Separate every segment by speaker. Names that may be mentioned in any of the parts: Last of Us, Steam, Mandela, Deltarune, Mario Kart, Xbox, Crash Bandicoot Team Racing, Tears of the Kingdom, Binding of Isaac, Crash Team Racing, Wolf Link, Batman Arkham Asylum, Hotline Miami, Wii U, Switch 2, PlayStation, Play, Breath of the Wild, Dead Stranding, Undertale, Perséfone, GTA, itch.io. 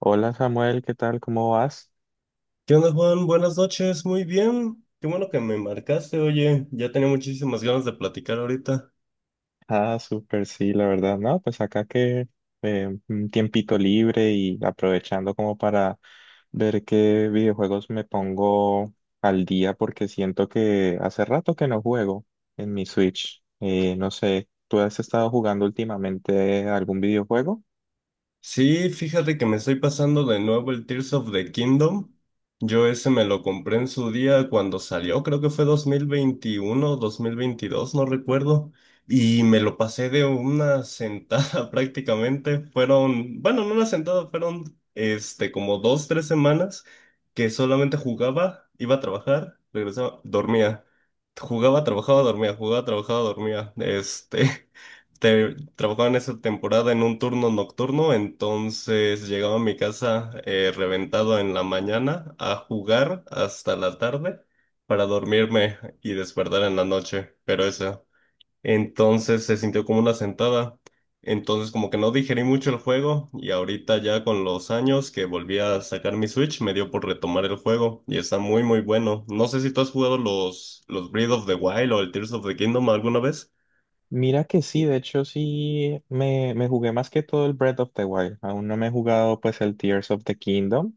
Speaker 1: Hola Samuel, ¿qué tal? ¿Cómo vas?
Speaker 2: ¿Qué onda, Juan? Buenas noches, muy bien. Qué bueno que me marcaste, oye, ya tenía muchísimas ganas de platicar ahorita.
Speaker 1: Ah, súper, sí, la verdad, no, pues acá que un tiempito libre y aprovechando como para ver qué videojuegos me pongo al día porque siento que hace rato que no juego en mi Switch. No sé, ¿tú has estado jugando últimamente algún videojuego?
Speaker 2: Sí, fíjate que me estoy pasando de nuevo el Tears of the Kingdom. Yo ese me lo compré en su día cuando salió, creo que fue 2021, 2022, no recuerdo. Y me lo pasé de una sentada prácticamente. Fueron, bueno, no una sentada, fueron como 2, 3 semanas que solamente jugaba, iba a trabajar, regresaba, dormía. Jugaba, trabajaba, dormía, jugaba, trabajaba, dormía. Trabajaba en esa temporada en un turno nocturno, entonces llegaba a mi casa reventado en la mañana a jugar hasta la tarde para dormirme y despertar en la noche, pero eso. Entonces se sintió como una sentada, entonces como que no digerí mucho el juego y ahorita ya con los años que volví a sacar mi Switch me dio por retomar el juego y está muy muy bueno. No sé si tú has jugado los Breath of the Wild o el Tears of the Kingdom alguna vez.
Speaker 1: Mira que sí, de hecho sí me jugué más que todo el Breath of the Wild. Aún no me he jugado pues el Tears of the Kingdom.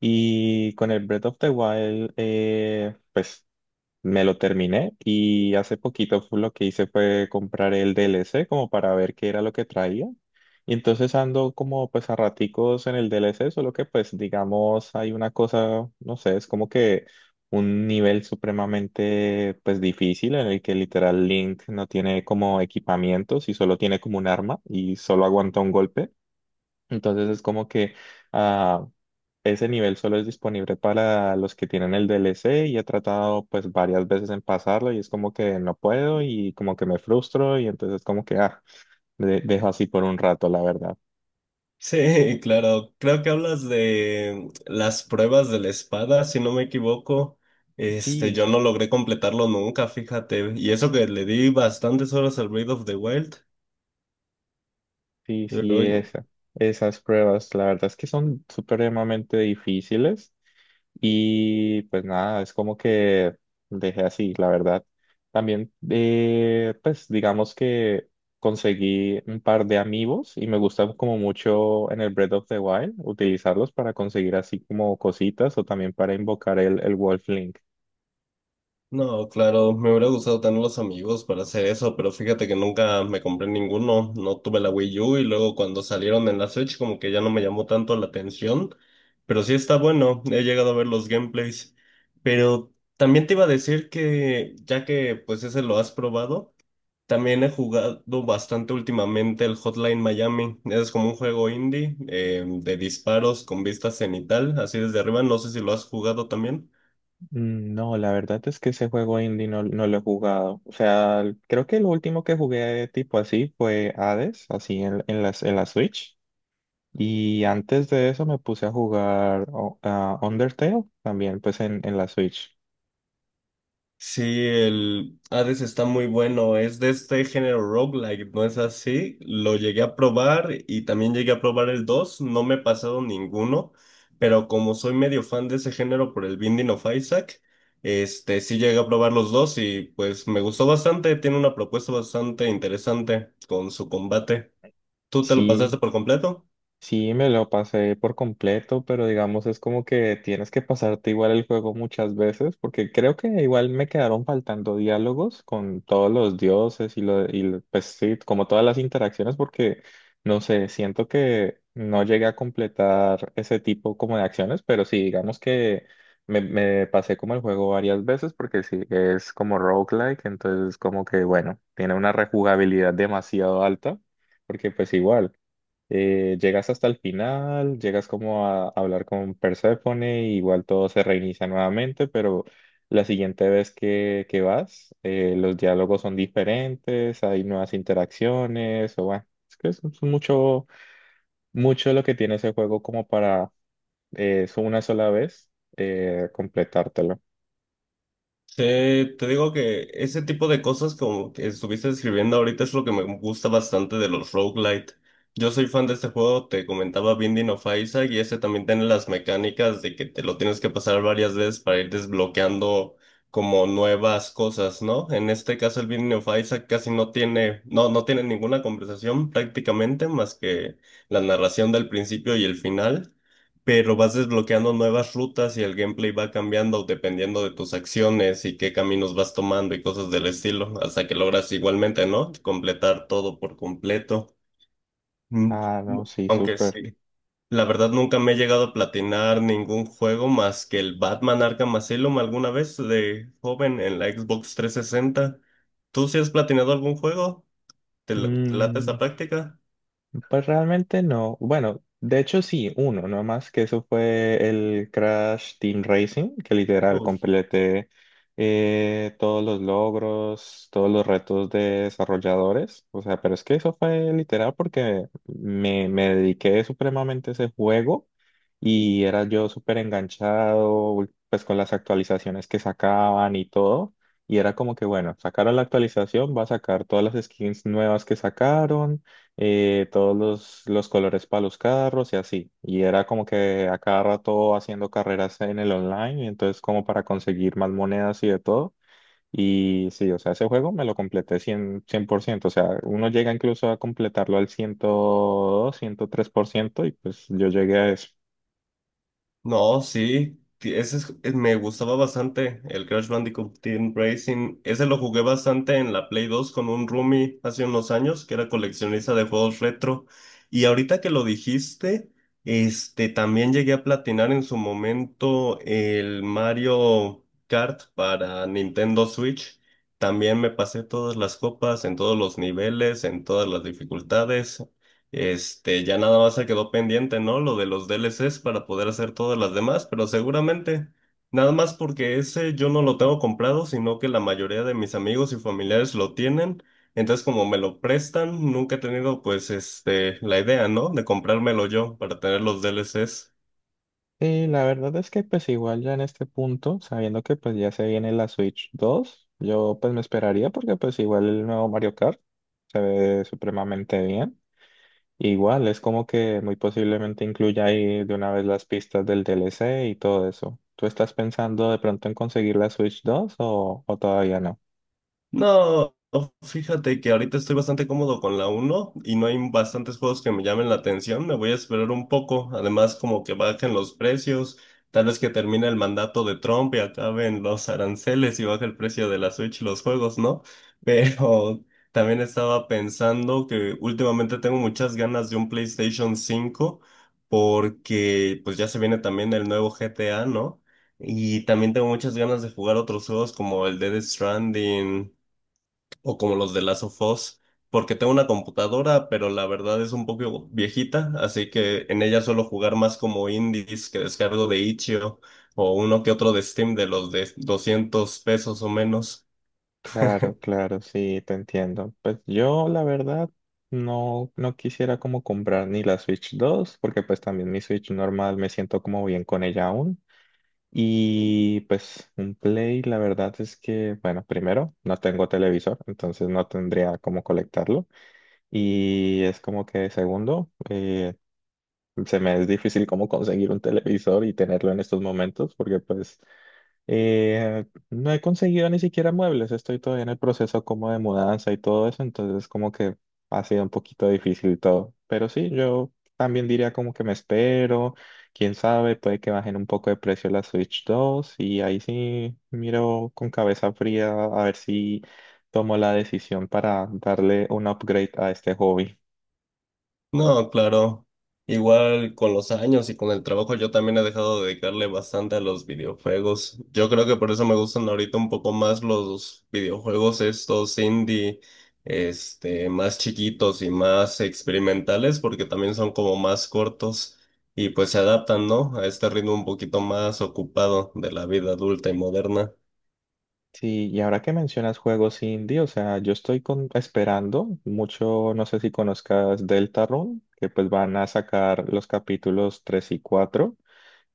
Speaker 1: Y con el Breath of the Wild, pues me lo terminé y hace poquito lo que hice fue comprar el DLC como para ver qué era lo que traía. Y entonces ando como pues a raticos en el DLC, solo que pues digamos hay una cosa, no sé, es como que un nivel supremamente pues difícil en el que literal Link no tiene como equipamientos y solo tiene como un arma y solo aguanta un golpe. Entonces es como que. Ah, ese nivel solo es disponible para los que tienen el DLC y he tratado pues varias veces en pasarlo y es como que no puedo y como que me frustro y entonces como que dejo así por un rato, la verdad.
Speaker 2: Sí, claro. Creo que hablas de las pruebas de la espada, si no me equivoco.
Speaker 1: Sí,
Speaker 2: Yo no logré completarlo nunca, fíjate. Y eso que le di bastantes horas al Breath of the Wild.
Speaker 1: sí, sí, esas pruebas, la verdad es que son supremamente difíciles y pues nada, es como que dejé así, la verdad. También, pues digamos que conseguí un par de amigos y me gusta como mucho en el Breath of the Wild utilizarlos para conseguir así como cositas o también para invocar el Wolf Link.
Speaker 2: No, claro, me hubiera gustado tener los amigos para hacer eso, pero fíjate que nunca me compré ninguno, no tuve la Wii U y luego cuando salieron en la Switch como que ya no me llamó tanto la atención, pero sí está bueno, he llegado a ver los gameplays, pero también te iba a decir que ya que pues ese lo has probado, también he jugado bastante últimamente el Hotline Miami, es como un juego indie de disparos con vista cenital, así desde arriba, no sé si lo has jugado también.
Speaker 1: Mm, no, la verdad es que ese juego indie no, no lo he jugado. O sea, creo que lo último que jugué tipo así fue Hades, así en la Switch. Y antes de eso me puse a jugar a Undertale también, pues en la Switch.
Speaker 2: Sí, el Hades está muy bueno, es de este género roguelike, ¿no es así? Lo llegué a probar y también llegué a probar el 2. No me he pasado ninguno, pero como soy medio fan de ese género por el Binding of Isaac, sí llegué a probar los dos y pues me gustó bastante, tiene una propuesta bastante interesante con su combate. ¿Tú te lo pasaste
Speaker 1: Sí,
Speaker 2: por completo?
Speaker 1: sí, me lo pasé por completo, pero digamos es como que tienes que pasarte igual el juego muchas veces, porque creo que igual me quedaron faltando diálogos con todos los dioses y pues sí, como todas las interacciones, porque no sé, siento que no llegué a completar ese tipo como de acciones, pero sí, digamos que me pasé como el juego varias veces, porque sí, es como roguelike, entonces como que bueno, tiene una rejugabilidad demasiado alta, porque pues igual llegas hasta el final, llegas como a hablar con Perséfone, y igual todo se reinicia nuevamente, pero la siguiente vez que vas, los diálogos son diferentes, hay nuevas interacciones, o bueno, es que es mucho, mucho lo que tiene ese juego como para, es una sola vez, completártelo.
Speaker 2: Te digo que ese tipo de cosas como que estuviste escribiendo ahorita es lo que me gusta bastante de los roguelite. Yo soy fan de este juego, te comentaba Binding of Isaac y ese también tiene las mecánicas de que te lo tienes que pasar varias veces para ir desbloqueando como nuevas cosas, ¿no? En este caso el Binding of Isaac casi no tiene, no tiene ninguna conversación prácticamente más que la narración del principio y el final, pero vas desbloqueando nuevas rutas y el gameplay va cambiando dependiendo de tus acciones y qué caminos vas tomando y cosas del estilo, hasta que logras igualmente, ¿no? Completar todo por completo. Mm,
Speaker 1: Ah, no, sí,
Speaker 2: Aunque
Speaker 1: súper.
Speaker 2: sí, la verdad nunca me he llegado a platinar ningún juego más que el Batman Arkham Asylum alguna vez de joven en la Xbox 360. ¿Tú sí has platinado algún juego? ¿Te late esa práctica?
Speaker 1: Pues realmente no. Bueno, de hecho sí, uno, no más que eso fue el Crash Team Racing, que literal completé todos los logros, todos los retos de desarrolladores. O sea, pero es que eso fue literal porque me dediqué supremamente a ese juego y era yo súper enganchado, pues con las actualizaciones que sacaban y todo. Y era como que, bueno, sacaron la actualización, va a sacar todas las skins nuevas que sacaron, todos los colores para los carros y así. Y era como que a cada rato haciendo carreras en el online, y entonces como para conseguir más monedas y de todo. Y sí, o sea, ese juego me lo completé cien por ciento. O sea, uno llega incluso a completarlo al ciento 102 103% y pues yo llegué a eso.
Speaker 2: No, sí, que ese me gustaba bastante el Crash Bandicoot Team Racing. Ese lo jugué bastante en la Play 2 con un roomie hace unos años que era coleccionista de juegos retro. Y ahorita que lo dijiste, también llegué a platinar en su momento el Mario Kart para Nintendo Switch. También me pasé todas las copas en todos los niveles, en todas las dificultades. Ya nada más se quedó pendiente, ¿no? Lo de los DLCs para poder hacer todas las demás, pero seguramente, nada más porque ese yo no lo tengo comprado, sino que la mayoría de mis amigos y familiares lo tienen. Entonces, como me lo prestan, nunca he tenido, pues, la idea, ¿no? De comprármelo yo para tener los DLCs.
Speaker 1: Sí, la verdad es que pues igual ya en este punto, sabiendo que pues ya se viene la Switch 2, yo pues me esperaría porque pues igual el nuevo Mario Kart se ve supremamente bien. Igual, es como que muy posiblemente incluya ahí de una vez las pistas del DLC y todo eso. ¿Tú estás pensando de pronto en conseguir la Switch 2 o todavía no?
Speaker 2: No, fíjate que ahorita estoy bastante cómodo con la uno y no hay bastantes juegos que me llamen la atención. Me voy a esperar un poco. Además, como que bajen los precios. Tal vez que termine el mandato de Trump y acaben los aranceles y baje el precio de la Switch y los juegos, ¿no? Pero también estaba pensando que últimamente tengo muchas ganas de un PlayStation 5, porque pues ya se viene también el nuevo GTA, ¿no? Y también tengo muchas ganas de jugar otros juegos como el Dead Stranding, o como los de Last of Us, porque tengo una computadora, pero la verdad es un poco viejita, así que en ella suelo jugar más como indies que descargo de itch.io o uno que otro de Steam de los de 200 pesos o menos.
Speaker 1: Claro, claro, sí, te entiendo. Pues yo, la verdad, no, no quisiera como comprar ni la Switch 2, porque pues también mi Switch normal me siento como bien con ella aún. Y pues un Play, la verdad es que, bueno, primero, no tengo televisor, entonces no tendría cómo colectarlo. Y es como que segundo, se me es difícil como conseguir un televisor y tenerlo en estos momentos porque pues no he conseguido ni siquiera muebles, estoy todavía en el proceso como de mudanza y todo eso, entonces como que ha sido un poquito difícil todo. Pero sí, yo también diría como que me espero, quién sabe, puede que bajen un poco de precio la Switch 2 y ahí sí miro con cabeza fría a ver si tomo la decisión para darle un upgrade a este hobby.
Speaker 2: No, claro. Igual con los años y con el trabajo yo también he dejado de dedicarle bastante a los videojuegos. Yo creo que por eso me gustan ahorita un poco más los videojuegos estos indie, más chiquitos y más experimentales porque también son como más cortos y pues se adaptan, ¿no? A este ritmo un poquito más ocupado de la vida adulta y moderna.
Speaker 1: Sí, y ahora que mencionas juegos indie, o sea, yo estoy esperando mucho, no sé si conozcas Deltarune, que pues van a sacar los capítulos 3 y 4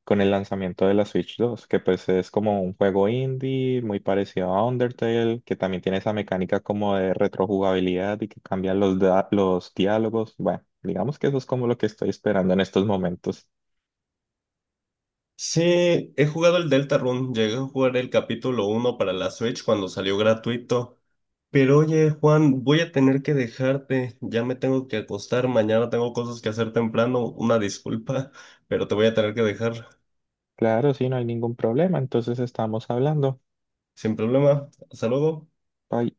Speaker 1: con el lanzamiento de la Switch 2, que pues es como un juego indie muy parecido a Undertale, que también tiene esa mecánica como de retrojugabilidad y que cambian los diálogos. Bueno, digamos que eso es como lo que estoy esperando en estos momentos.
Speaker 2: Sí, he jugado el Deltarune, llegué a jugar el capítulo uno para la Switch cuando salió gratuito. Pero oye, Juan, voy a tener que dejarte, ya me tengo que acostar, mañana tengo cosas que hacer temprano, una disculpa, pero te voy a tener que dejar
Speaker 1: Claro, sí, no hay ningún problema, entonces estamos hablando.
Speaker 2: sin problema. Hasta luego.
Speaker 1: Bye.